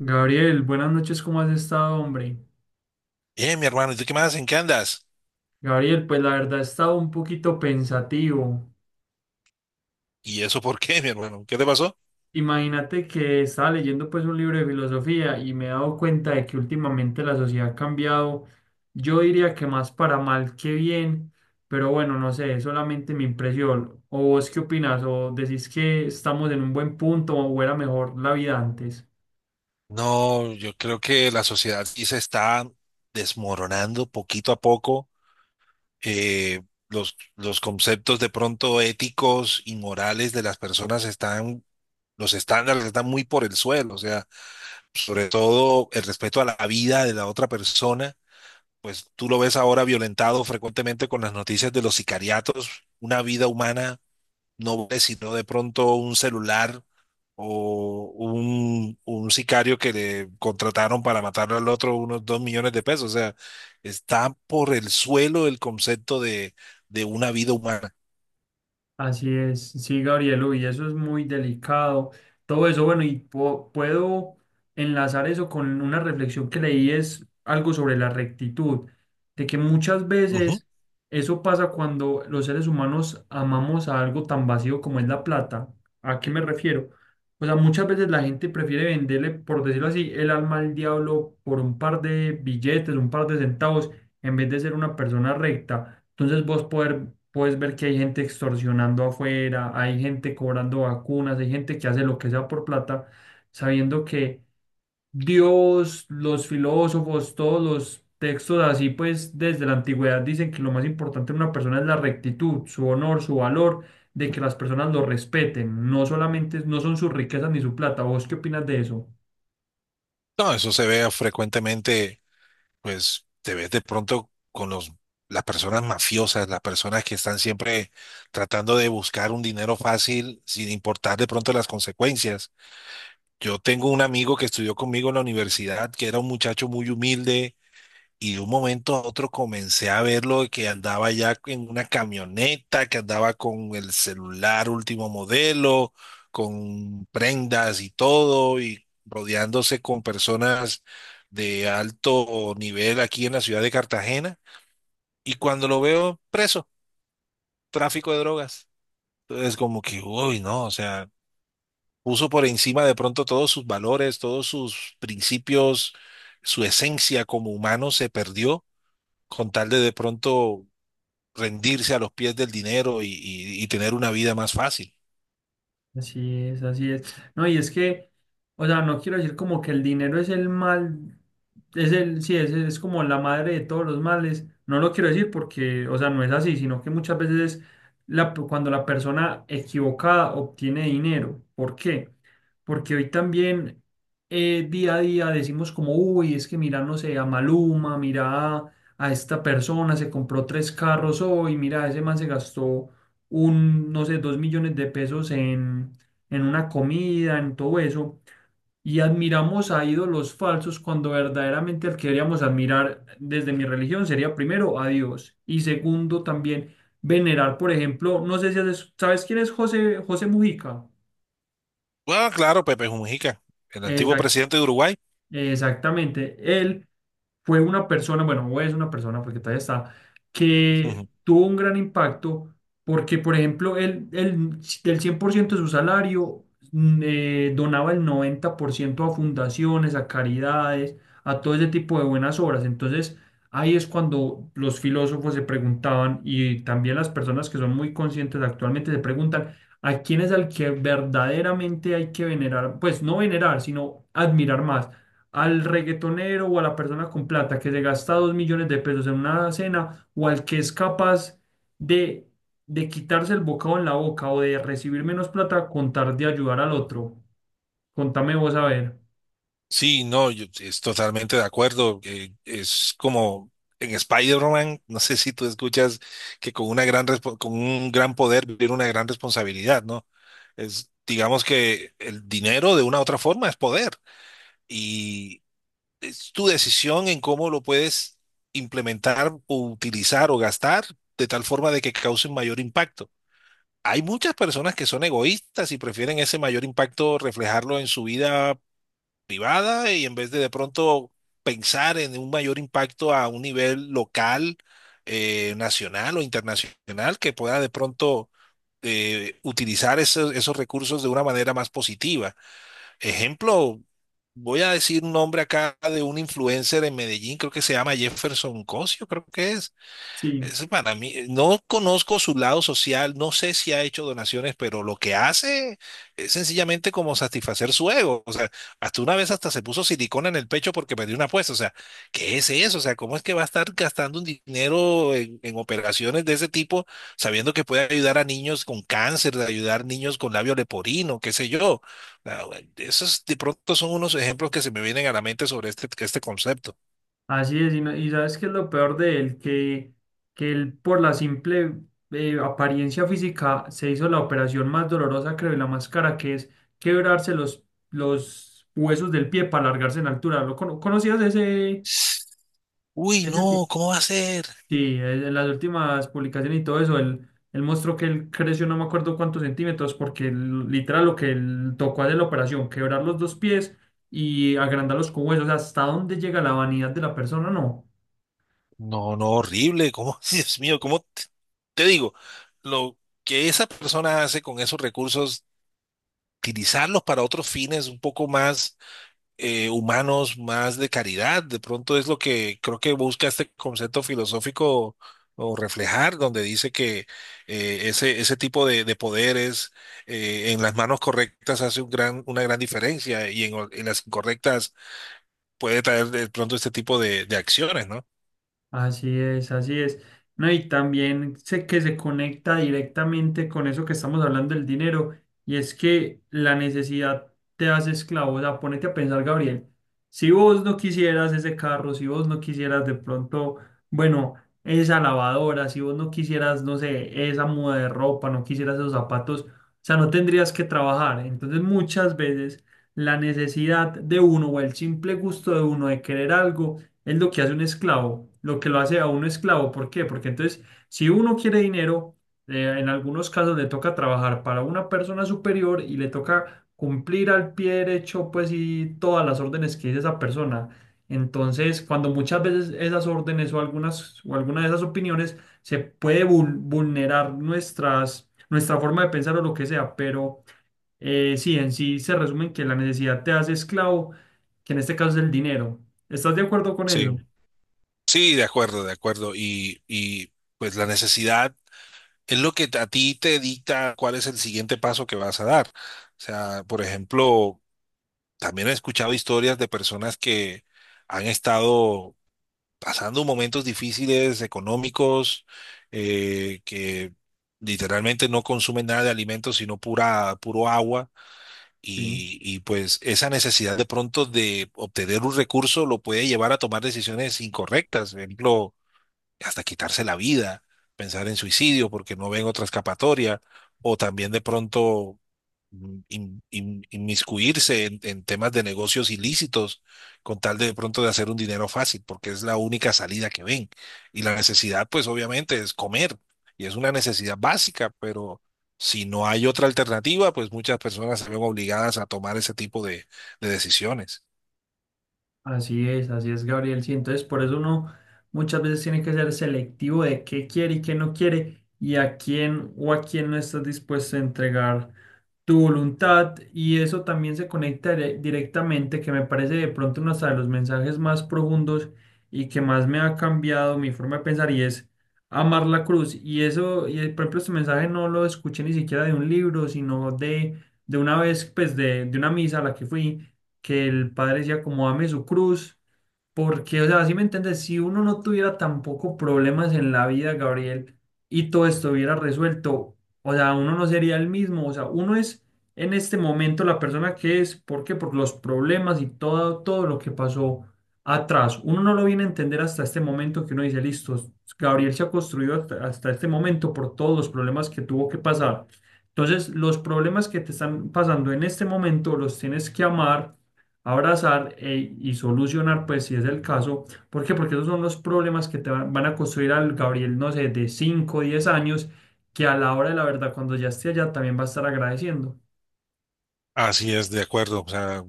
Gabriel, buenas noches, ¿cómo has estado, hombre? Mi hermano, ¿y tú qué más? ¿En qué andas? Gabriel, pues la verdad he estado un poquito pensativo. ¿Y eso por qué, mi hermano? ¿Qué te pasó? Imagínate que estaba leyendo pues un libro de filosofía y me he dado cuenta de que últimamente la sociedad ha cambiado, yo diría que más para mal que bien, pero bueno, no sé, es solamente mi impresión. ¿O vos qué opinas? ¿O decís que estamos en un buen punto o era mejor la vida antes? No, yo creo que la sociedad sí se está desmoronando poquito a poco. Eh, los conceptos de pronto éticos y morales de las personas están, los estándares están muy por el suelo. O sea, sobre todo el respeto a la vida de la otra persona, pues tú lo ves ahora violentado frecuentemente con las noticias de los sicariatos. Una vida humana no vale sino de pronto un celular o un sicario que le contrataron para matarlo al otro unos 2.000.000 de pesos. O sea, está por el suelo el concepto de una vida humana. Así es, sí, Gabriel, y eso es muy delicado. Todo eso, bueno, y puedo enlazar eso con una reflexión que leí, es algo sobre la rectitud, de que muchas Ujú. veces eso pasa cuando los seres humanos amamos a algo tan vacío como es la plata. ¿A qué me refiero? O sea, muchas veces la gente prefiere venderle, por decirlo así, el alma al diablo por un par de billetes, un par de centavos, en vez de ser una persona recta. Entonces vos puedes ver que hay gente extorsionando afuera, hay gente cobrando vacunas, hay gente que hace lo que sea por plata, sabiendo que Dios, los filósofos, todos los textos así, pues desde la antigüedad dicen que lo más importante en una persona es la rectitud, su honor, su valor, de que las personas lo respeten, no solamente no son sus riquezas ni su plata. ¿Vos qué opinas de eso? No, eso se ve frecuentemente, pues te ves de pronto con las personas mafiosas, las personas que están siempre tratando de buscar un dinero fácil sin importar de pronto las consecuencias. Yo tengo un amigo que estudió conmigo en la universidad, que era un muchacho muy humilde. Y de un momento a otro comencé a verlo de que andaba ya en una camioneta, que andaba con el celular último modelo, con prendas y todo, y rodeándose con personas de alto nivel aquí en la ciudad de Cartagena. Y cuando lo veo preso, tráfico de drogas. Entonces como que, uy, no, o sea, puso por encima de pronto todos sus valores, todos sus principios, su esencia como humano se perdió con tal de pronto rendirse a los pies del dinero y tener una vida más fácil. Así es, así es. No, y es que, o sea, no quiero decir como que el dinero es el mal, sí, es como la madre de todos los males. No lo quiero decir porque, o sea, no es así, sino que muchas veces cuando la persona equivocada obtiene dinero. ¿Por qué? Porque hoy también día a día decimos como, uy, es que mira, no sé, a Maluma, mira a esta persona, se compró tres carros hoy, mira, ese man se gastó no sé, 2 millones de pesos en, una comida, en todo eso. Y admiramos a ídolos falsos cuando verdaderamente el que deberíamos admirar desde mi religión sería primero a Dios y segundo también venerar, por ejemplo, no sé si sabes quién es José, José Mujica. Bueno, claro, Pepe Mujica, el antiguo Exacto. presidente de Uruguay. Exactamente. Él fue una persona, bueno, o es una persona porque todavía está, que Ujú. tuvo un gran impacto porque, por ejemplo, él del 100% de su salario donaba el 90% a fundaciones, a caridades, a todo ese tipo de buenas obras. Entonces, ahí es cuando los filósofos se preguntaban y también las personas que son muy conscientes actualmente se preguntan. ¿A quién es al que verdaderamente hay que venerar? Pues no venerar, sino admirar más al reggaetonero o a la persona con plata que se gasta 2 millones de pesos en una cena o al que es capaz de, de, quitarse el bocado en la boca o de recibir menos plata contar de ayudar al otro. Contame vos a ver. Sí, no, yo es totalmente de acuerdo. Es como en Spider-Man, no sé si tú escuchas que con una gran con un gran poder viene una gran responsabilidad, ¿no? Es, digamos que el dinero de una u otra forma es poder, es tu decisión en cómo lo puedes implementar o utilizar o gastar de tal forma de que cause un mayor impacto. Hay muchas personas que son egoístas y prefieren ese mayor impacto reflejarlo en su vida privada y en vez de pronto pensar en un mayor impacto a un nivel local, nacional o internacional que pueda de pronto utilizar esos recursos de una manera más positiva. Ejemplo, voy a decir un nombre acá de un influencer en Medellín, creo que se llama Jefferson Cosio, creo que es. Sí, Eso para mí, no conozco su lado social, no sé si ha hecho donaciones, pero lo que hace es sencillamente como satisfacer su ego. O sea, hasta una vez hasta se puso silicona en el pecho porque perdió una apuesta. O sea, ¿qué es eso? O sea, ¿cómo es que va a estar gastando un dinero en operaciones de ese tipo, sabiendo que puede ayudar a niños con cáncer, de ayudar niños con labio leporino, qué sé yo? O sea, esos de pronto son unos ejemplos que se me vienen a la mente sobre este concepto. así es. Y, y sabes qué es lo peor de él, que él por la simple apariencia física se hizo la operación más dolorosa, creo, de la máscara, que es quebrarse los huesos del pie para alargarse en altura. ¿Lo conocías ese, Uy, ese? no, ¿cómo va a ser? Sí, en las últimas publicaciones y todo eso, él mostró que él creció no me acuerdo cuántos centímetros, porque literal lo que él tocó hacer la operación, quebrar los dos pies y agrandar los cubos, o sea, hasta dónde llega la vanidad de la persona, no. No, no, horrible. ¿Cómo? Dios mío, ¿cómo te, te digo? Lo que esa persona hace con esos recursos, utilizarlos para otros fines un poco más humanos, más de caridad, de pronto es lo que creo que busca este concepto filosófico o reflejar, donde dice que ese tipo de poderes en las manos correctas hace un gran, una gran diferencia y en las incorrectas puede traer de pronto este tipo de acciones, ¿no? Así es, así es. No, y también sé que se conecta directamente con eso que estamos hablando del dinero, y es que la necesidad te hace esclavo. O sea, ponete a pensar, Gabriel, si vos no quisieras ese carro, si vos no quisieras de pronto, bueno, esa lavadora, si vos no quisieras, no sé, esa muda de ropa, no quisieras esos zapatos, o sea, no tendrías que trabajar. Entonces, muchas veces la necesidad de uno o el simple gusto de uno de querer algo es lo que hace un esclavo, lo que lo hace a un esclavo. ¿Por qué? Porque entonces, si uno quiere dinero, en algunos casos le toca trabajar para una persona superior y le toca cumplir al pie derecho, pues, y todas las órdenes que dice esa persona. Entonces, cuando muchas veces esas órdenes o algunas o alguna de esas opiniones se puede vulnerar nuestra forma de pensar o lo que sea, pero sí, en sí se resume en que la necesidad te hace esclavo, que en este caso es el dinero. ¿Estás de acuerdo con Sí. eso? Sí, de acuerdo, de acuerdo. Y pues la necesidad es lo que a ti te dicta cuál es el siguiente paso que vas a dar. O sea, por ejemplo, también he escuchado historias de personas que han estado pasando momentos difíciles económicos, que literalmente no consumen nada de alimentos, sino pura, puro agua. Sí, Y pues esa necesidad de pronto de obtener un recurso lo puede llevar a tomar decisiones incorrectas. Por ejemplo, hasta quitarse la vida, pensar en suicidio porque no ven otra escapatoria, o también de pronto inmiscuirse en temas de negocios ilícitos con tal de pronto de hacer un dinero fácil, porque es la única salida que ven. Y la necesidad, pues obviamente, es comer, y es una necesidad básica, pero si no hay otra alternativa, pues muchas personas se ven obligadas a tomar ese tipo de decisiones. Así es, Gabriel. Sí, entonces por eso uno muchas veces tiene que ser selectivo de qué quiere y qué no quiere y a quién o a quién no estás dispuesto a entregar. Tu voluntad y eso también se conecta directamente, que me parece de pronto uno hasta de los mensajes más profundos y que más me ha cambiado mi forma de pensar y es amar la cruz. Y eso, y por ejemplo, este mensaje no lo escuché ni siquiera de un libro, sino de una vez, pues de una misa a la que fui, que el padre decía como ame su cruz. Porque, o sea, si me entiendes, si uno no tuviera tampoco problemas en la vida, Gabriel, y todo estuviera resuelto, o sea, uno no sería el mismo, o sea, uno es en este momento la persona que es, ¿por qué? Por los problemas y todo, todo lo que pasó atrás. Uno no lo viene a entender hasta este momento que uno dice, listo, Gabriel se ha construido hasta este momento por todos los problemas que tuvo que pasar. Entonces, los problemas que te están pasando en este momento los tienes que amar abrazar y solucionar, pues si es el caso. ¿Por qué? Porque esos son los problemas que te van a construir al Gabriel, no sé, de 5 o 10 años, que a la hora de la verdad, cuando ya esté allá, también va a estar agradeciendo. Así es, de acuerdo. O sea,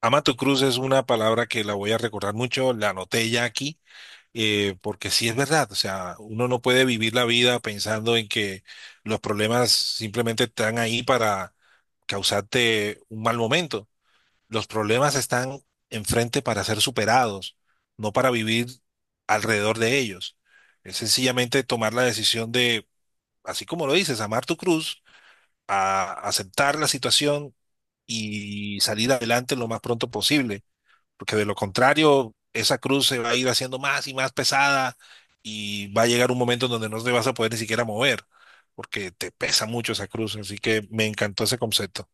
Amato Cruz es una palabra que la voy a recordar mucho, la anoté ya aquí, porque sí es verdad, o sea, uno no puede vivir la vida pensando en que los problemas simplemente están ahí para causarte un mal momento. Los problemas están enfrente para ser superados, no para vivir alrededor de ellos. Es sencillamente tomar la decisión de, así como lo dices, amar tu cruz, a aceptar la situación y salir adelante lo más pronto posible porque de lo contrario, esa cruz se va a ir haciendo más y más pesada y va a llegar un momento en donde no te vas a poder ni siquiera mover, porque te pesa mucho esa cruz. Así que me encantó ese concepto.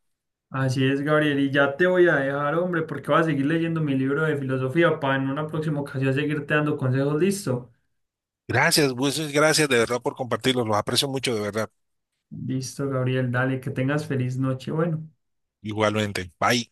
Así es, Gabriel, y ya te voy a dejar, hombre, porque voy a seguir leyendo mi libro de filosofía para en una próxima ocasión seguirte dando consejos. Listo. Gracias, muchas gracias de verdad por compartirlos. Los aprecio mucho, de verdad. Listo, Gabriel, dale, que tengas feliz noche. Bueno. Igualmente. Bye.